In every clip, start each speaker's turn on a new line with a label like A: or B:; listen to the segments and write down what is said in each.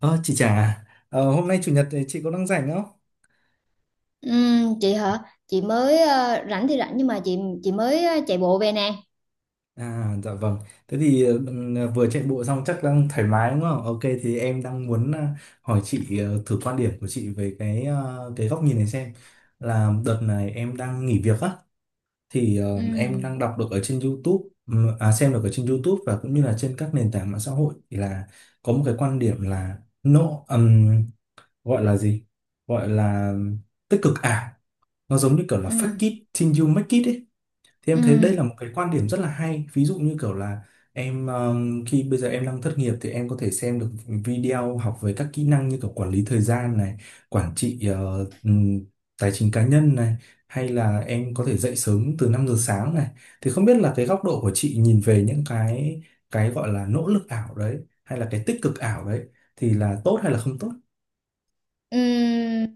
A: Ờ, chị Trà, à? Ờ, Hôm nay chủ nhật thì chị có đang rảnh không?
B: Chị hả? Chị mới rảnh thì rảnh nhưng mà chị mới chạy bộ về nè.
A: À, dạ vâng. Thế thì vừa chạy bộ xong chắc đang thoải mái đúng không? Ok, thì em đang muốn hỏi chị thử quan điểm của chị về cái góc nhìn này xem. Là đợt này em đang nghỉ việc á, thì
B: Ừ.
A: em đang đọc được ở trên YouTube, à, xem được ở trên YouTube và cũng như là trên các nền tảng mạng xã hội thì là có một cái quan điểm là no, gọi là gì? Gọi là tích cực ảo. Nó giống như kiểu là fake
B: Ừm,
A: it till you make it ấy. Thì em thấy đây là
B: ừm,
A: một cái quan điểm rất là hay. Ví dụ như kiểu là khi bây giờ em đang thất nghiệp thì em có thể xem được video học về các kỹ năng như kiểu quản lý thời gian này, quản trị tài chính cá nhân này, hay là em có thể dậy sớm từ 5 giờ sáng này. Thì không biết là cái góc độ của chị nhìn về những cái gọi là nỗ lực ảo đấy hay là cái tích cực ảo đấy thì là tốt hay là không tốt?
B: ừm.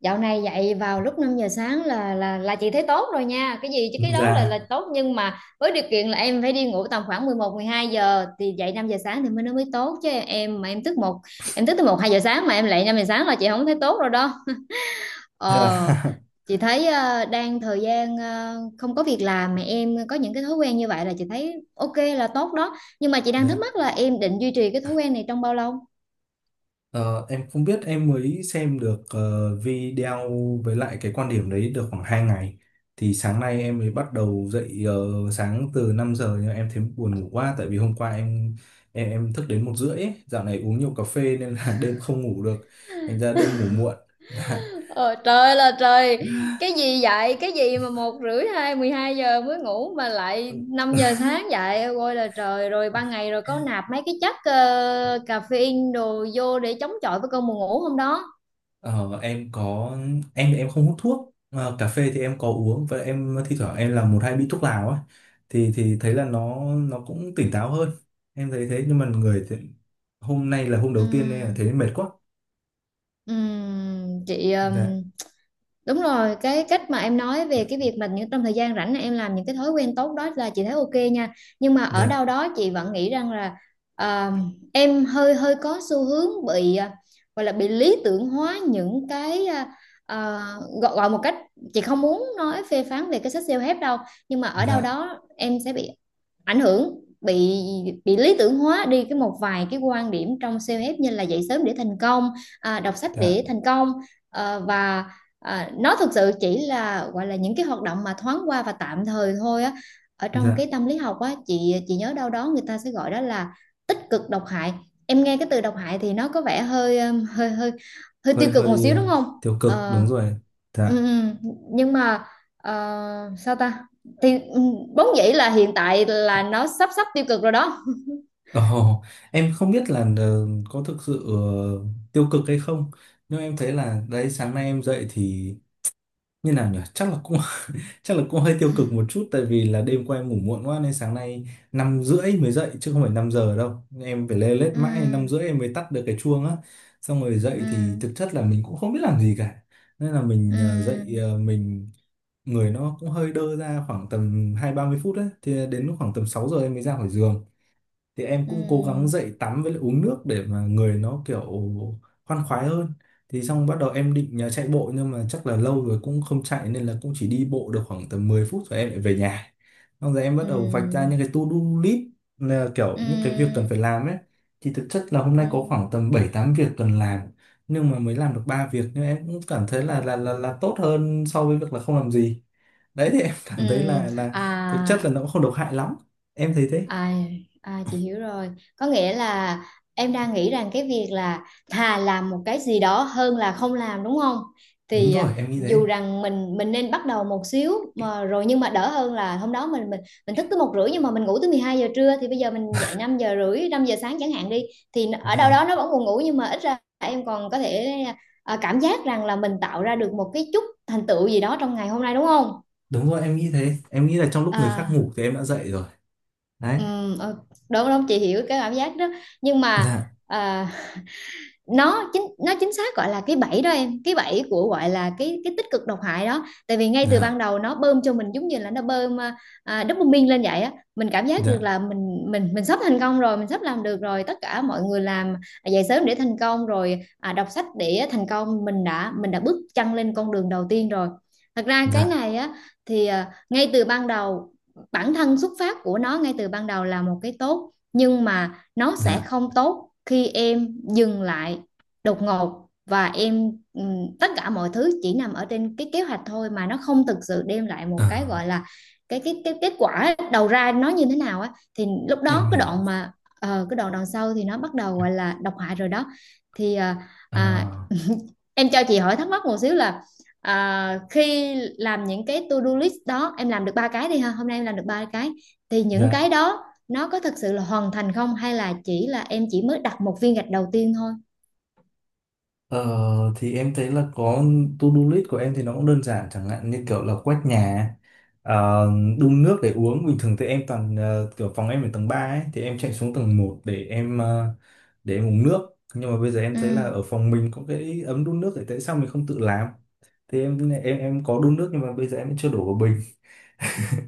B: Dạo này dậy vào lúc 5 giờ sáng là chị thấy tốt rồi nha. Cái gì chứ cái đó là
A: Dạ.
B: là tốt nhưng mà với điều kiện là em phải đi ngủ tầm khoảng 11, 12 giờ thì dậy 5 giờ sáng thì mới nó mới tốt chứ em mà em thức một em thức tới 1, 2 giờ sáng mà em dậy 5 giờ sáng là chị không thấy tốt rồi đó.
A: Dạ.
B: Ờ, chị thấy đang thời gian không có việc làm mà em có những cái thói quen như vậy là chị thấy ok là tốt đó. Nhưng mà chị đang thắc
A: Dạ.
B: mắc là em định duy trì cái thói quen này trong bao lâu?
A: Ờ, em không biết em mới xem được video với lại cái quan điểm đấy được khoảng 2 ngày, thì sáng nay em mới bắt đầu dậy sáng từ 5 giờ nhưng em thấy buồn ngủ quá tại vì hôm qua em thức đến 1h30 ấy. Dạo này uống nhiều cà phê nên là đêm không ngủ được, thành ra đêm ngủ muộn.
B: Ờ, Trời là trời. Cái gì vậy? Cái gì mà một rưỡi hai 12 giờ mới ngủ? Mà lại 5 giờ sáng dậy? Ôi là trời. Rồi ban ngày rồi có nạp mấy cái chất Caffeine đồ vô để chống chọi với cơn buồn ngủ hôm đó.
A: Ờ, em có. Em thì em không hút thuốc. Ờ, cà phê thì em có uống và em thi thoảng em làm một hai bị thuốc lào á, thì thấy là nó cũng tỉnh táo hơn, em thấy thế, nhưng mà người thì, hôm nay là hôm đầu tiên nên là
B: Ừm,
A: thấy mệt quá.
B: chị
A: Dạ.
B: Đúng rồi, cái cách mà em nói về cái việc mà những trong thời gian rảnh này em làm những cái thói quen tốt đó là chị thấy ok nha. Nhưng mà ở
A: Dạ.
B: đâu đó chị vẫn nghĩ rằng là à, em hơi hơi có xu hướng bị gọi là bị lý tưởng hóa những cái à, gọi một cách chị không muốn nói phê phán về cái sách self-help đâu, nhưng mà ở đâu
A: Dạ.
B: đó em sẽ bị ảnh hưởng bị bị lý tưởng hóa đi cái một vài cái quan điểm trong self-help như là dậy sớm để thành công, đọc sách
A: Dạ.
B: để thành công. à, và nó thực sự chỉ là gọi là những cái hoạt động mà thoáng qua và tạm thời thôi á. Ở trong
A: Dạ.
B: cái tâm lý học á chị nhớ đâu đó người ta sẽ gọi đó là tích cực độc hại. Em nghe cái từ độc hại thì nó có vẻ hơi hơi hơi hơi
A: Hơi
B: tiêu cực một
A: hơi
B: xíu đúng không?
A: tiêu cực
B: Ờ.
A: đúng rồi.
B: Ừ,
A: Dạ.
B: ừ. Nhưng mà sao ta, thì vốn dĩ là hiện tại là nó sắp sắp tiêu cực rồi đó.
A: Ồ, em không biết là có thực sự tiêu cực hay không, nhưng em thấy là đấy, sáng nay em dậy thì như nào nhỉ, chắc là cũng chắc là cũng hơi tiêu cực một chút, tại vì là đêm qua em ngủ muộn quá nên sáng nay 5h30 mới dậy chứ không phải 5 giờ đâu. Em phải lê lết
B: Ừ,
A: mãi 5h30 em mới tắt được cái chuông á, xong rồi dậy
B: ừ,
A: thì thực chất là mình cũng không biết làm gì cả nên là mình dậy
B: ừ,
A: mình, người nó cũng hơi đơ ra khoảng tầm 20-30 phút đấy. Thì đến lúc khoảng tầm 6 giờ em mới ra khỏi giường thì em cũng cố gắng
B: ừ,
A: dậy tắm với lại uống nước để mà người nó kiểu khoan khoái hơn. Thì xong bắt đầu em định nhờ chạy bộ nhưng mà chắc là lâu rồi cũng không chạy nên là cũng chỉ đi bộ được khoảng tầm 10 phút rồi em lại về nhà. Xong rồi em bắt đầu vạch ra
B: ừ,
A: những cái to-do list, là kiểu những cái việc cần
B: ừ,
A: phải làm ấy, thì thực chất là hôm nay
B: ừ,
A: có khoảng tầm 7-8 việc cần làm, nhưng mà mới làm được 3 việc, nhưng em cũng cảm thấy là tốt hơn so với việc là không làm gì. Đấy, thì em
B: ừ.
A: cảm thấy là
B: À
A: thực chất là nó cũng không độc hại lắm, em thấy thế.
B: À, à, chị hiểu rồi. Có nghĩa là em đang nghĩ rằng cái việc là thà làm một cái gì đó hơn là không làm đúng không?
A: Đúng
B: Thì
A: rồi em nghĩ thế.
B: dù rằng mình nên bắt đầu một xíu mà rồi nhưng mà đỡ hơn là hôm đó mình thức tới 1 rưỡi nhưng mà mình ngủ tới 12 giờ trưa thì bây giờ mình dậy 5 rưỡi 5 giờ sáng chẳng hạn đi thì ở đâu
A: Dạ,
B: đó nó vẫn còn ngủ nhưng mà ít ra em còn có thể cảm giác rằng là mình tạo ra được một cái chút thành tựu gì đó trong ngày hôm nay đúng không?
A: đúng rồi em nghĩ thế, em nghĩ là trong lúc người
B: À.
A: khác ngủ thì em đã dậy rồi. Đấy.
B: Ừ, ờ, đúng đúng chị hiểu cái cảm giác đó. Nhưng mà
A: Dạ.
B: à, nó chính xác gọi là cái bẫy đó em, cái bẫy của gọi là cái tích cực độc hại đó tại vì ngay từ ban
A: Dạ.
B: đầu nó bơm cho mình giống như là nó bơm dopamine lên vậy á. Mình cảm giác được
A: Dạ.
B: là mình sắp thành công rồi, mình sắp làm được rồi, tất cả mọi người làm dậy sớm để thành công rồi, đọc sách để thành công, mình đã bước chân lên con đường đầu tiên rồi. Thật ra cái
A: Dạ.
B: này á thì ngay từ ban đầu bản thân xuất phát của nó ngay từ ban đầu là một cái tốt nhưng mà nó sẽ
A: Dạ.
B: không tốt khi em dừng lại đột ngột và em tất cả mọi thứ chỉ nằm ở trên cái kế hoạch thôi mà nó không thực sự đem lại một
A: Ờ,
B: cái gọi là cái kết quả đầu ra nó như thế nào á. Thì lúc
A: em
B: đó
A: hiểu.
B: cái đoạn đằng sau thì nó bắt đầu gọi là độc hại rồi đó. Thì
A: Ờ,
B: à, em cho chị hỏi thắc mắc một xíu là khi làm những cái to do list đó em làm được ba cái đi ha, hôm nay em làm được ba cái thì những
A: dạ.
B: cái đó nó có thực sự là hoàn thành không hay là chỉ là em chỉ mới đặt một viên gạch đầu tiên thôi?
A: ờ, thì em thấy là có, to-do list của em thì nó cũng đơn giản, chẳng hạn như kiểu là quét nhà, ờ, đun nước để uống. Bình thường thì em toàn kiểu, phòng em ở tầng 3 ấy thì em chạy xuống tầng 1 để để em uống nước, nhưng mà bây giờ em
B: Ừ.
A: thấy là ở phòng mình có cái ấm đun nước thì tại sao mình không tự làm. Thì em có đun nước nhưng mà bây giờ em chưa đổ vào bình.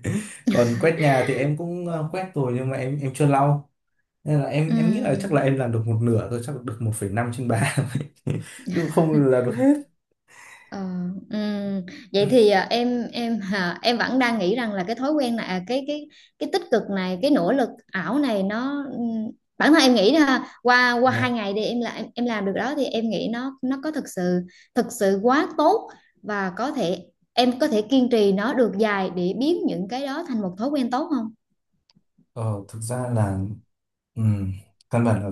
A: Còn quét nhà thì em cũng quét rồi nhưng mà em chưa lau, nên là em nghĩ là chắc
B: Ừ,
A: là em làm được một nửa thôi, chắc được 1,5/3. Chứ không là được hết.
B: ờ, ừ. Vậy thì em vẫn đang nghĩ rằng là cái thói quen này, cái tích cực này, cái nỗ lực ảo này nó, bản thân em nghĩ là qua qua hai
A: Dạ.
B: ngày đi em làm được đó thì em nghĩ nó có thực sự quá tốt và có thể em có thể kiên trì nó được dài để biến những cái đó thành một thói quen tốt không?
A: Ờ, thực ra là ừm, căn bản là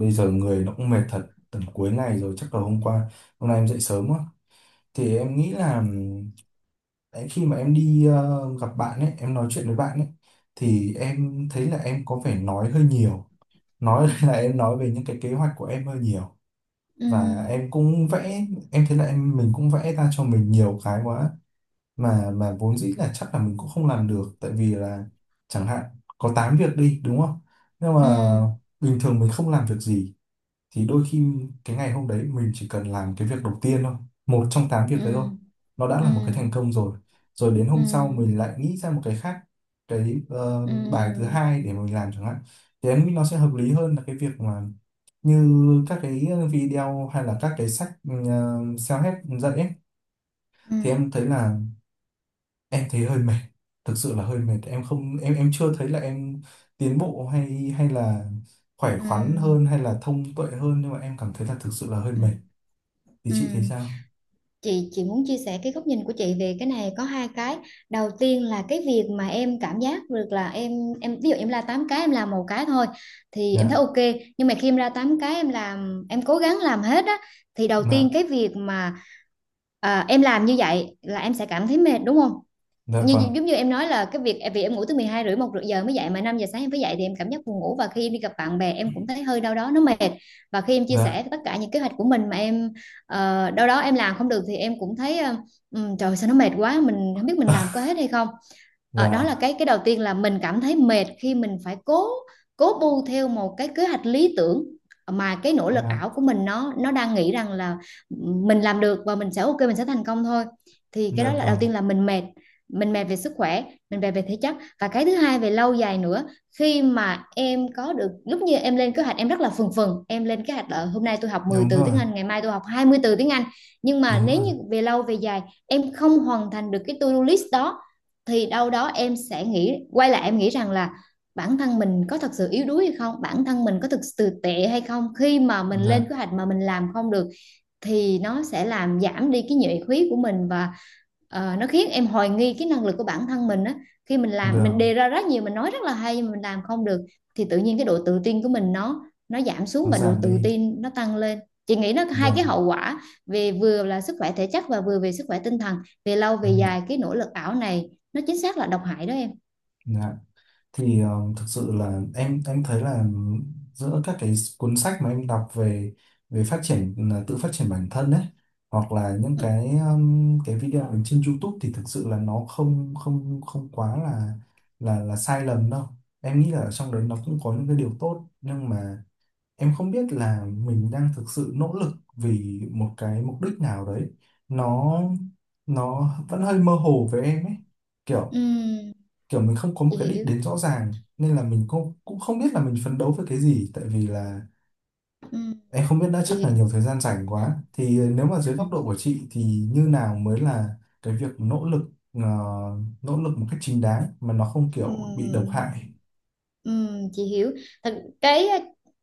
A: bây giờ người nó cũng mệt thật, tầm cuối ngày rồi, chắc là hôm qua hôm nay em dậy sớm quá. Thì em nghĩ là đấy, khi mà em đi gặp bạn ấy em nói chuyện với bạn ấy thì em thấy là em có vẻ nói hơi nhiều, nói là em nói về những cái kế hoạch của em hơi nhiều,
B: Ừ,
A: và em cũng vẽ, em thấy là em mình cũng vẽ ra cho mình nhiều cái quá, mà vốn dĩ là chắc là mình cũng không làm được, tại vì là chẳng hạn có 8 việc đi đúng không, nhưng
B: ừ,
A: mà bình thường mình không làm việc gì thì đôi khi cái ngày hôm đấy mình chỉ cần làm cái việc đầu tiên thôi, một trong 8 việc đấy thôi,
B: ừ,
A: nó đã
B: ừ,
A: là một cái thành công rồi. Rồi đến
B: ừ,
A: hôm sau mình lại nghĩ ra một cái khác, cái
B: ừ,
A: bài thứ hai để mình làm chẳng hạn. Thì em nghĩ nó sẽ hợp lý hơn là cái việc mà như các cái video hay là các cái sách self-help dạy ấy.
B: ừ,
A: Thì em thấy là em thấy hơi mệt, thực sự là hơi mệt, em không em em chưa thấy là em tiến bộ hay hay là khỏe
B: ừ,
A: khoắn hơn hay là thông tuệ hơn, nhưng mà em cảm thấy là thực sự là hơi
B: ừ,
A: mệt. Thì
B: ừ.
A: chị thấy sao?
B: Chị muốn chia sẻ cái góc nhìn của chị về cái này, có hai cái. Đầu tiên là cái việc mà em cảm giác được là em ví dụ em ra 8 cái em làm một cái thôi thì em thấy
A: Dạ.
B: ok, nhưng mà khi em ra 8 cái em làm em cố gắng làm hết á thì đầu tiên
A: Dạ.
B: cái việc mà em làm như vậy là em sẽ cảm thấy mệt đúng không,
A: Dạ.
B: như
A: Vâng.
B: giống như em nói là cái việc vì em ngủ tới 12 rưỡi 1 giờ mới dậy mà 5 giờ sáng em phải dậy thì em cảm giác buồn ngủ và khi em đi gặp bạn bè em cũng thấy hơi đau đó, nó mệt. Và khi em chia
A: Dạ.
B: sẻ tất cả những kế hoạch của mình mà em đâu đó em làm không được thì em cũng thấy trời sao nó mệt quá, mình không biết mình làm có hết hay không. Ờ, đó là
A: Dạ.
B: cái đầu tiên là mình cảm thấy mệt khi mình phải cố cố bu theo một cái kế hoạch lý tưởng mà cái nỗ lực ảo
A: Dạ.
B: của mình nó đang nghĩ rằng là mình làm được và mình sẽ ok, mình sẽ thành công thôi. Thì cái đó
A: Dạ.
B: là đầu
A: Vâng.
B: tiên là mình mệt, mình mệt về sức khỏe, mình mệt về thể chất. Và cái thứ hai về lâu dài nữa, khi mà em có được lúc như em lên kế hoạch em rất là phừng phừng em lên kế hoạch là hôm nay tôi học mười
A: Đúng
B: từ
A: rồi,
B: tiếng Anh ngày mai tôi học 20 từ tiếng Anh nhưng mà
A: đúng
B: nếu
A: rồi.
B: như về lâu về dài em không hoàn thành được cái to-do list đó thì đâu đó em sẽ nghĩ quay lại, em nghĩ rằng là bản thân mình có thật sự yếu đuối hay không, bản thân mình có thực sự tệ hay không khi mà mình lên
A: Dạ.
B: kế hoạch mà mình làm không được, thì nó sẽ làm giảm đi cái nhuệ khí của mình. Và nó khiến em hoài nghi cái năng lực của bản thân mình á khi mình làm mình
A: Vâng.
B: đề ra rất nhiều, mình nói rất là hay nhưng mà mình làm không được thì tự nhiên cái độ tự tin của mình nó giảm xuống
A: Nó
B: và độ
A: giảm
B: tự
A: đi.
B: tin nó tăng lên. Chị nghĩ nó có hai cái
A: Vâng.
B: hậu quả về vừa là sức khỏe thể chất và vừa về sức khỏe tinh thần. Về lâu về
A: Em hiểu.
B: dài cái nỗ lực ảo này nó chính xác là độc hại đó em.
A: Dạ. Thì thực sự là em thấy là giữa các cái cuốn sách mà em đọc về về phát triển là tự phát triển bản thân ấy, hoặc là những
B: Ừ,
A: cái video ở trên YouTube, thì thực sự là nó không không không quá là sai lầm đâu. Em nghĩ là ở trong đấy nó cũng có những cái điều tốt nhưng mà em không biết là mình đang thực sự nỗ lực vì một cái mục đích nào đấy. Nó nó vẫn hơi mơ hồ với em ấy, kiểu
B: ừ,
A: kiểu mình không có một
B: chị
A: cái đích
B: hiểu.
A: đến rõ ràng nên là mình cũng cũng không biết là mình phấn đấu với cái gì, tại vì là
B: Ừ,
A: em không biết đã,
B: chị
A: chắc là
B: hiểu.
A: nhiều thời gian rảnh quá. Thì nếu mà dưới góc độ của chị thì như nào mới là cái việc nỗ lực một cách chính đáng mà nó không kiểu bị độc
B: Ừm,
A: hại.
B: chị hiểu thật, cái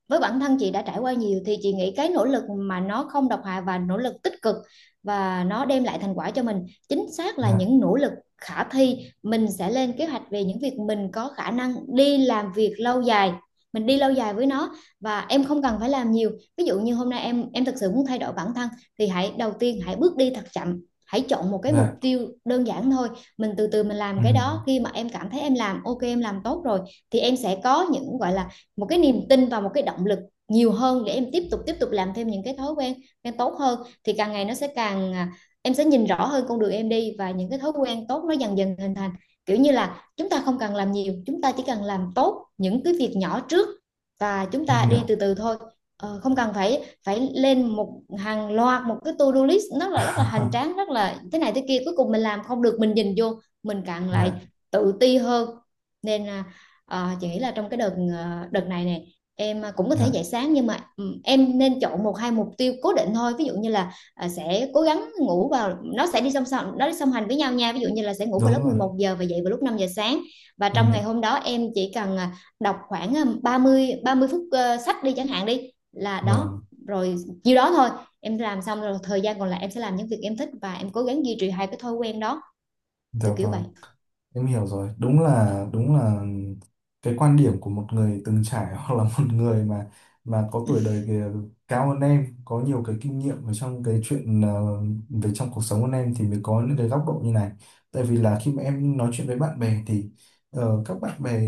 B: với bản thân chị đã trải qua nhiều thì chị nghĩ cái nỗ lực mà nó không độc hại và nỗ lực tích cực và nó đem lại thành quả cho mình chính xác là
A: Dạ.
B: những nỗ lực khả thi. Mình sẽ lên kế hoạch về những việc mình có khả năng đi làm việc lâu dài, mình đi lâu dài với nó và em không cần phải làm nhiều. Ví dụ như hôm nay em thực sự muốn thay đổi bản thân thì hãy đầu tiên hãy bước đi thật chậm, hãy chọn một cái mục
A: Dạ.
B: tiêu đơn giản thôi, mình từ từ mình
A: Ừ,
B: làm cái đó. Khi mà em cảm thấy em làm ok, em làm tốt rồi thì em sẽ có những gọi là một cái niềm tin và một cái động lực nhiều hơn để em tiếp tục làm thêm những cái thói quen quen tốt hơn. Thì càng ngày nó sẽ càng em sẽ nhìn rõ hơn con đường em đi và những cái thói quen tốt nó dần dần hình thành. Kiểu như là chúng ta không cần làm nhiều, chúng ta chỉ cần làm tốt những cái việc nhỏ trước và chúng
A: em
B: ta đi
A: hiểu.
B: từ từ thôi. Ờ, không cần phải phải lên một hàng loạt một cái to-do list rất là hành tráng, rất là thế này thế kia cuối cùng mình làm không được mình nhìn vô mình càng lại
A: Dạ.
B: tự ti hơn. Nên là chị nghĩ là trong đợt này nè, em cũng có thể
A: Dạ.
B: dậy sáng nhưng mà em nên chọn một hai mục tiêu cố định thôi. Ví dụ như là sẽ cố gắng ngủ vào, nó sẽ đi song song nó đi song hành với nhau nha, ví dụ như là sẽ ngủ vào
A: Đúng
B: lúc
A: rồi
B: 11 giờ và dậy vào lúc 5 giờ sáng. Và
A: em
B: trong ngày
A: hiểu.
B: hôm đó em chỉ cần đọc khoảng ba mươi phút sách đi chẳng hạn đi, là đó
A: Vâng.
B: rồi, nhiêu đó thôi. Em làm xong rồi thời gian còn lại em sẽ làm những việc em thích và em cố gắng duy trì hai cái thói quen đó,
A: Dạ.
B: kiểu kiểu vậy.
A: Vâng. Em hiểu rồi, đúng là cái quan điểm của một người từng trải hoặc là một người mà có tuổi đời kìa, cao hơn em, có nhiều cái kinh nghiệm ở trong cái chuyện về trong cuộc sống hơn em thì mới có những cái góc độ như này. Tại vì là khi mà em nói chuyện với bạn bè thì các bạn bè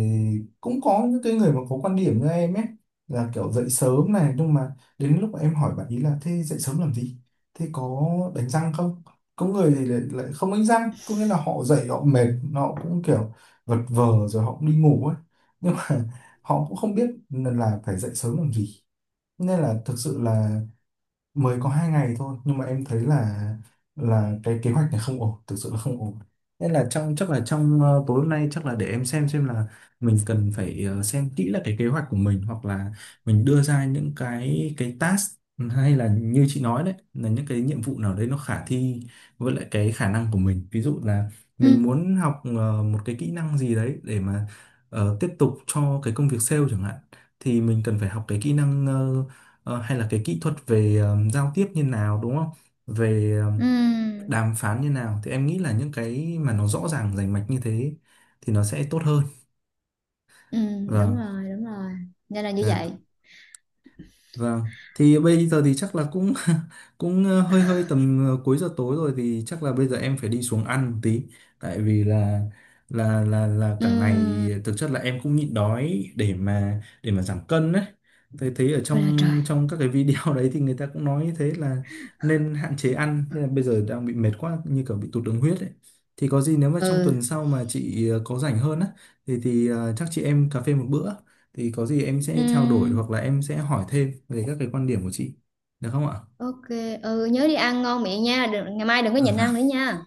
A: cũng có những cái người mà có quan điểm như em ấy, là kiểu dậy sớm này. Nhưng mà đến lúc mà em hỏi bạn ý là, thế dậy sớm làm gì? Thế có đánh răng không? Có người thì lại không đánh răng, có nghĩa là họ dậy họ mệt, họ cũng kiểu vật vờ rồi họ cũng đi ngủ ấy, nhưng mà họ cũng không biết là phải dậy sớm làm gì. Nên là thực sự là mới có 2 ngày thôi, nhưng mà em thấy là cái kế hoạch này không ổn, thực sự là không ổn. Nên là, trong, chắc là trong tối hôm nay chắc là để em xem là mình cần phải xem kỹ là cái kế hoạch của mình, hoặc là mình đưa ra những cái task, hay là như chị nói đấy là những cái nhiệm vụ nào đấy nó khả thi với lại cái khả năng của mình. Ví dụ là mình
B: Ừ.
A: muốn học một cái kỹ năng gì đấy để mà tiếp tục cho cái công việc sale chẳng hạn, thì mình cần phải học cái kỹ năng Ờ, hay là cái kỹ thuật về giao tiếp như nào đúng không? Về
B: Ừ.
A: đàm phán như nào, thì em nghĩ là những cái mà nó rõ ràng rành mạch như thế thì nó sẽ tốt hơn.
B: Ừ. Đúng
A: Vâng.
B: rồi, đúng rồi, nên là như vậy.
A: Dạ. Vâng, thì bây giờ thì chắc là cũng cũng hơi hơi tầm cuối giờ tối rồi, thì chắc là bây giờ em phải đi xuống ăn một tí, tại vì là là cả ngày
B: Ừ.
A: thực chất là em cũng nhịn đói để mà giảm cân đấy. Thấy thấy ở
B: Ôi là trời.
A: trong trong các cái video đấy thì người ta cũng nói như thế là nên hạn chế ăn, nên là bây giờ đang bị mệt quá như kiểu bị tụt đường huyết ấy. Thì có gì nếu mà trong
B: Ừ.
A: tuần sau mà chị có rảnh hơn á thì chắc chị em cà phê một bữa, thì có gì em sẽ trao đổi hoặc
B: Ừ.
A: là em sẽ hỏi thêm về các cái quan điểm của chị, được không ạ?
B: Ok. Ừ, nhớ đi ăn ngon miệng nha, đừng, ngày mai đừng có nhịn ăn nữa nha.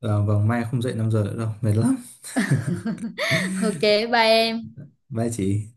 A: Ờ, vâng, mai không dậy 5 giờ nữa đâu, mệt lắm.
B: ok, bye em.
A: Bye chị.